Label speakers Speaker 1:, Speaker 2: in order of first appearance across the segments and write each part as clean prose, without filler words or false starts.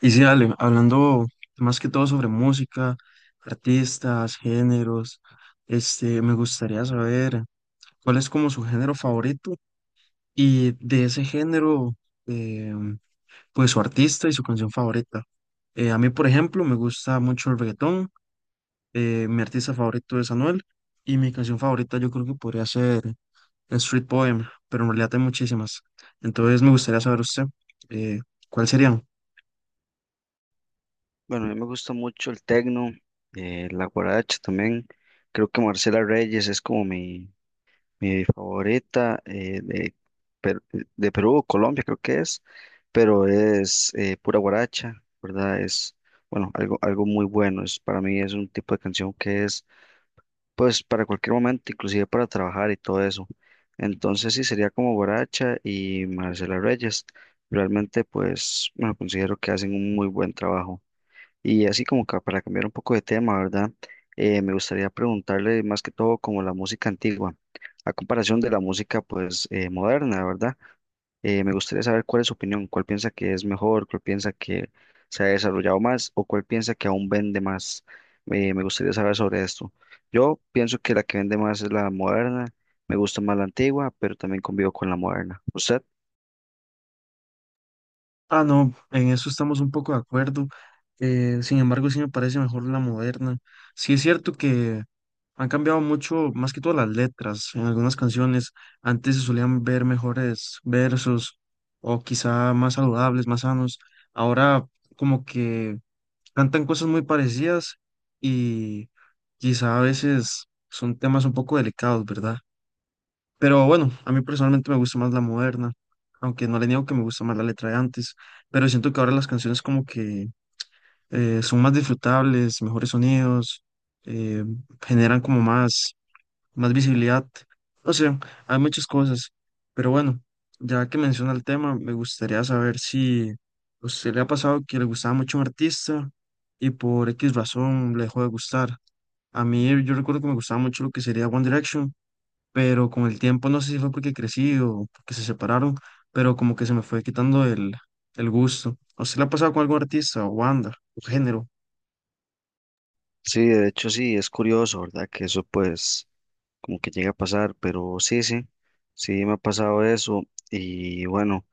Speaker 1: Y sí, Ale, hablando más que todo sobre música, artistas, géneros, me gustaría saber cuál es como su género favorito y de ese género, eh, pues su artista y su canción favorita. A mí, por ejemplo, me gusta mucho el reggaetón, mi artista favorito es Anuel y mi canción favorita yo creo que podría ser Street Poem, pero en realidad hay muchísimas. Entonces me gustaría saber usted, eh, ¿cuál serían?
Speaker 2: Bueno, a mí me gusta mucho el tecno, la guaracha también. Creo que Marcela Reyes es como mi favorita de, Per- de Perú, Colombia creo que es, pero es pura guaracha, ¿verdad? Es, bueno, algo muy bueno. Es, para mí es un tipo de canción que es, pues, para cualquier momento, inclusive para trabajar y todo eso. Entonces sí, sería como guaracha y Marcela Reyes. Realmente, pues, bueno, considero que hacen un muy buen trabajo. Y así como para cambiar un poco de tema, ¿verdad? Me gustaría preguntarle más que todo como la música antigua, a comparación de la música pues moderna, ¿verdad? Me gustaría saber cuál es su opinión, cuál piensa que es mejor, cuál piensa que se ha desarrollado más o cuál piensa que aún vende más. Me gustaría saber sobre esto. Yo pienso que la que vende más es la moderna, me gusta más la antigua, pero también convivo con la moderna. ¿Usted?
Speaker 1: Ah, no, en eso estamos un poco de acuerdo. Sin embargo, sí me parece mejor la moderna. Sí es cierto que han cambiado mucho, más que todo las letras en algunas canciones. Antes se solían ver mejores versos o quizá más saludables, más sanos. Ahora como que cantan cosas muy parecidas y quizá a veces son temas un poco delicados, ¿verdad? Pero bueno, a mí personalmente me gusta más la moderna, aunque no le niego que me gusta más la letra de antes, pero siento que ahora las canciones como que son más disfrutables, mejores sonidos, eh, generan como más, más visibilidad. O sea, hay muchas cosas, pero bueno, ya que menciona el tema, me gustaría saber si a usted le ha pasado que le gustaba mucho un artista y por X razón le dejó de gustar. A mí yo recuerdo que me gustaba mucho lo que sería One Direction, pero con el tiempo, no sé si fue porque crecí o porque se separaron, pero como que se me fue quitando el gusto. ¿A usted le ha pasado con algún artista o banda o género?
Speaker 2: Sí, de hecho sí, es curioso, ¿verdad? Que eso pues como que llega a pasar, pero sí, sí, sí me ha pasado eso y bueno,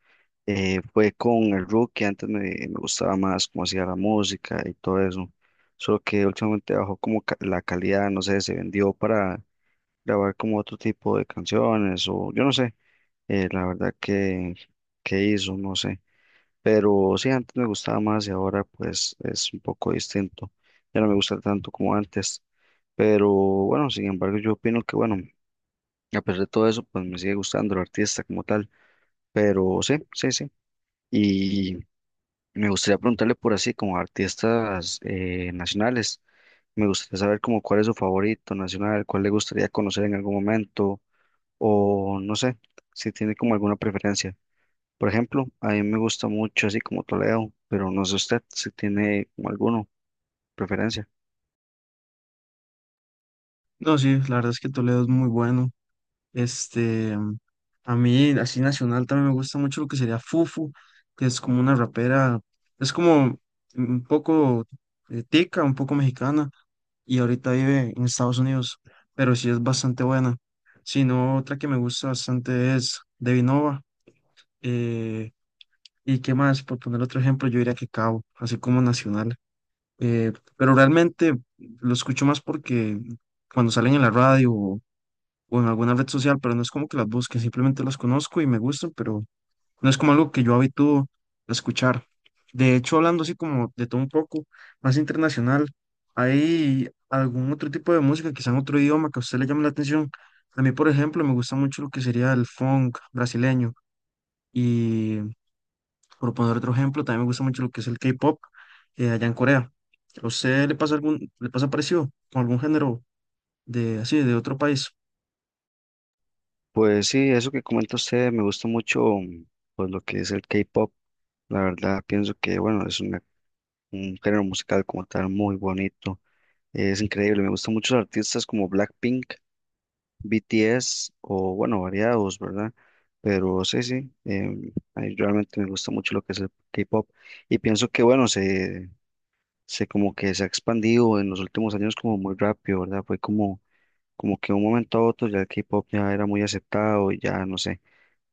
Speaker 2: fue con el Rookie, antes me gustaba más cómo hacía la música y todo eso, solo que últimamente bajó como la calidad, no sé, se vendió para grabar como otro tipo de canciones o yo no sé, la verdad que hizo, no sé, pero sí, antes me gustaba más y ahora pues es un poco distinto, ya no me gusta tanto como antes. Pero bueno, sin embargo, yo opino que bueno, a pesar de todo eso, pues me sigue gustando el artista como tal, pero sí, sí, sí. Y me gustaría preguntarle por así, como artistas nacionales, me gustaría saber como cuál es su favorito nacional, cuál le gustaría conocer en algún momento, o no sé, si tiene como alguna preferencia. Por ejemplo, a mí me gusta mucho así como Toledo, pero no sé usted si tiene como alguno preferencia.
Speaker 1: No, sí, la verdad es que Toledo es muy bueno. Este, a mí, así nacional, también me gusta mucho lo que sería Fufu, que es como una rapera, es como un poco tica, un poco mexicana, y ahorita vive en Estados Unidos, pero sí es bastante buena. Si no, otra que me gusta bastante es Devinova. ¿Y qué más? Por poner otro ejemplo, yo diría que Cabo, así como nacional. Pero realmente lo escucho más porque cuando salen en la radio o en alguna red social, pero no es como que las busque, simplemente las conozco y me gustan, pero no es como algo que yo habitúo a escuchar. De hecho, hablando así como de todo un poco, más internacional, ¿hay algún otro tipo de música, quizá en otro idioma que a usted le llame la atención? A mí, por ejemplo, me gusta mucho lo que sería el funk brasileño. Por poner otro ejemplo, también me gusta mucho lo que es el K-pop, allá en Corea. ¿A usted le pasa algún, le pasa parecido con algún género de así, de otro país?
Speaker 2: Pues sí, eso que comenta usted, me gusta mucho pues lo que es el K-pop. La verdad, pienso que, bueno, es un género musical como tal muy bonito. Es increíble, me gustan muchos artistas como Blackpink, BTS o bueno, variados, ¿verdad? Pero sí, sí, a mí realmente me gusta mucho lo que es el K-pop y pienso que bueno, se como que se ha expandido en los últimos años como muy rápido, ¿verdad? Fue como, como que de un momento a otro ya el K-pop ya era muy aceptado y ya no sé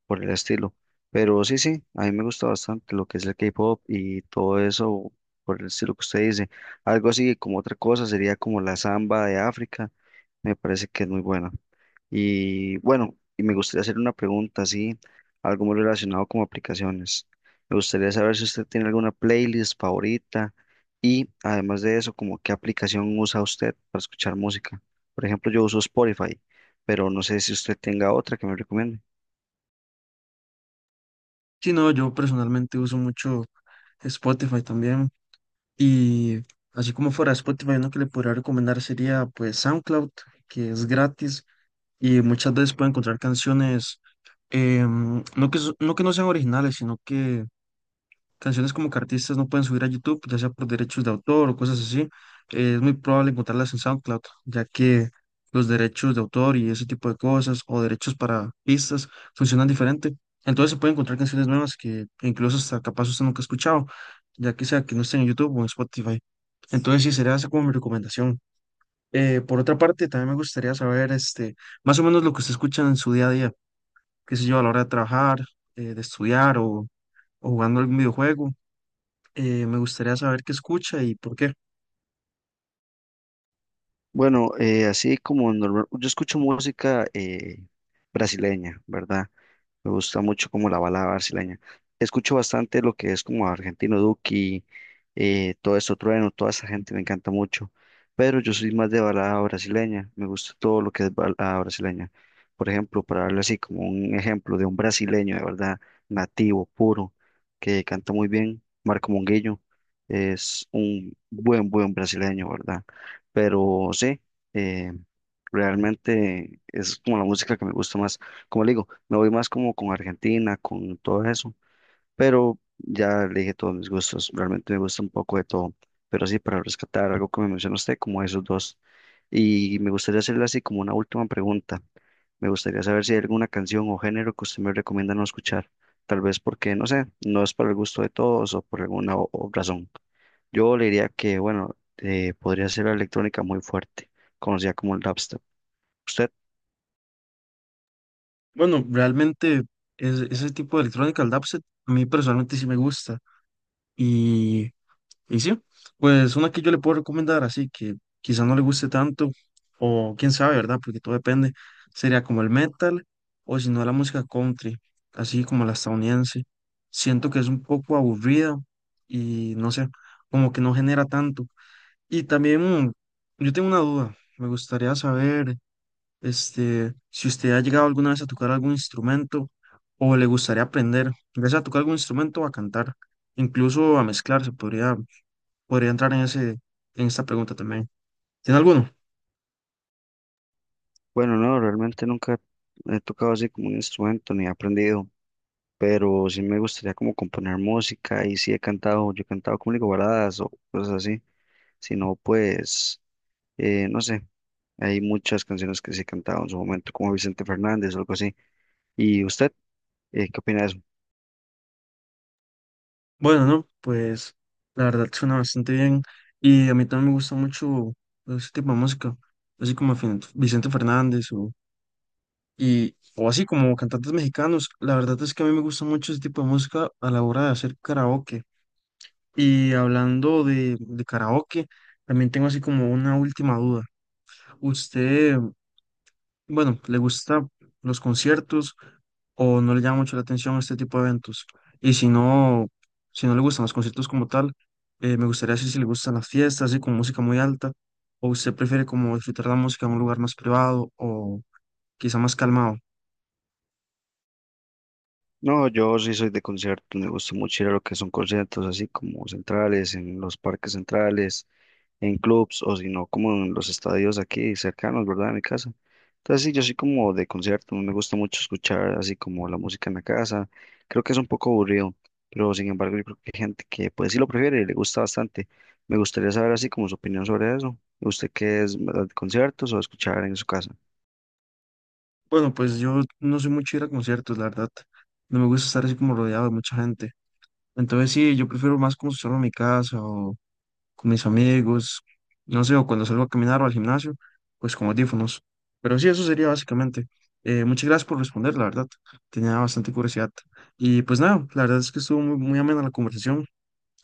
Speaker 2: por el estilo. Pero sí, sí, a mí me gusta bastante lo que es el K-pop y todo eso por el estilo que usted dice. Algo así como otra cosa sería como la samba de África, me parece que es muy buena. Y bueno, y me gustaría hacer una pregunta así, algo muy relacionado con aplicaciones. Me gustaría saber si usted tiene alguna playlist favorita y además de eso, como qué aplicación usa usted para escuchar música. Por ejemplo, yo uso Spotify, pero no sé si usted tenga otra que me recomiende.
Speaker 1: Sí, no, yo personalmente uso mucho Spotify también. Y así como fuera de Spotify, uno que le podría recomendar sería pues SoundCloud, que es gratis y muchas veces puede encontrar canciones, no que, no que no sean originales, sino que canciones como que artistas no pueden subir a YouTube, ya sea por derechos de autor o cosas así, es muy probable encontrarlas en SoundCloud, ya que los derechos de autor y ese tipo de cosas, o derechos para pistas, funcionan diferente. Entonces se pueden encontrar canciones nuevas que incluso hasta capaz usted nunca ha escuchado, ya que sea que no estén en YouTube o en Spotify. Entonces sí, sería esa como mi recomendación. Por otra parte, también me gustaría saber más o menos lo que usted escucha en su día a día, qué sé yo, a la hora de trabajar, de estudiar o jugando algún videojuego, me gustaría saber qué escucha y por qué.
Speaker 2: Bueno, así como normal, yo escucho música brasileña, ¿verdad? Me gusta mucho como la balada brasileña. Escucho bastante lo que es como Argentino Duki, todo esto Trueno, toda esa gente me encanta mucho. Pero yo soy más de balada brasileña. Me gusta todo lo que es balada brasileña. Por ejemplo, para darle así como un ejemplo de un brasileño de verdad nativo, puro, que canta muy bien, Marco Monguillo. Es un buen brasileño, ¿verdad? Pero sí, eh, realmente es como la música que me gusta más. Como le digo, me voy más como con Argentina, con todo eso, pero ya le dije todos mis gustos, realmente me gusta un poco de todo, pero sí, para rescatar algo que me mencionó usted, como esos dos, y me gustaría hacerle así como una última pregunta, me gustaría saber si hay alguna canción o género que usted me recomienda no escuchar, tal vez porque, no sé, no es para el gusto de todos o por alguna o razón. Yo le diría que, bueno, podría ser la electrónica muy fuerte, conocida como el dubstep. ¿Usted?
Speaker 1: Bueno, realmente ese tipo de electrónica, el dubstep, a mí personalmente sí me gusta. Y, y sí, pues una que yo le puedo recomendar, así que quizá no le guste tanto, o quién sabe, ¿verdad? Porque todo depende. Sería como el metal, o si no, la música country, así como la estadounidense. Siento que es un poco aburrida y no sé, como que no genera tanto. Y también mm, yo tengo una duda, me gustaría saber. Si usted ha llegado alguna vez a tocar algún instrumento o le gustaría aprender, ya sea a tocar algún instrumento o a cantar, incluso a mezclar, se podría, podría entrar en ese, en esta pregunta también. ¿Tiene alguno?
Speaker 2: Bueno, no, realmente nunca he tocado así como un instrumento ni he aprendido, pero sí me gustaría como componer música y sí he cantado, yo he cantado como le digo, baladas o cosas así, si no, pues, no sé, hay muchas canciones que sí he cantado en su momento, como Vicente Fernández o algo así. ¿Y usted, qué opina de eso?
Speaker 1: Bueno, no, pues la verdad suena bastante bien y a mí también me gusta mucho ese tipo de música, así como Vicente Fernández o así como cantantes mexicanos. La verdad es que a mí me gusta mucho ese tipo de música a la hora de hacer karaoke. Y hablando de karaoke, también tengo así como una última duda. ¿Usted, bueno, le gusta los conciertos o no le llama mucho la atención este tipo de eventos? Y si no, si no le gustan los conciertos como tal, me gustaría saber si le gustan las fiestas, así con música muy alta, o usted prefiere como disfrutar la música en un lugar más privado o quizá más calmado.
Speaker 2: No, yo sí soy de conciertos, me gusta mucho ir a lo que son conciertos así como centrales, en los parques centrales en clubs o si no como en los estadios aquí cercanos, ¿verdad? A mi casa. Entonces sí, yo soy como de concierto, no me gusta mucho escuchar así como la música en la casa. Creo que es un poco aburrido, pero sin embargo yo creo que hay gente que pues sí lo prefiere y le gusta bastante. Me gustaría saber así como su opinión sobre eso. ¿Usted qué es, verdad, de conciertos o escuchar en su casa?
Speaker 1: Bueno, pues yo no soy mucho de ir a conciertos, la verdad. No me gusta estar así como rodeado de mucha gente. Entonces sí, yo prefiero más como estar en mi casa o con mis amigos, no sé, o cuando salgo a caminar o al gimnasio, pues con audífonos. Pero sí, eso sería básicamente. Muchas gracias por responder, la verdad. Tenía bastante curiosidad. Y pues nada, la verdad es que estuvo muy, muy amena la conversación,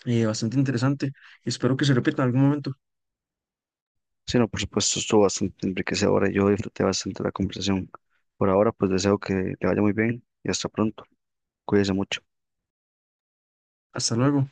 Speaker 1: bastante interesante. Espero que se repita en algún momento.
Speaker 2: Sí, no, por supuesto, estuvo bastante enriquecedora y yo disfruté bastante la conversación. Por ahora, pues deseo que le vaya muy bien y hasta pronto. Cuídese mucho.
Speaker 1: Hasta luego.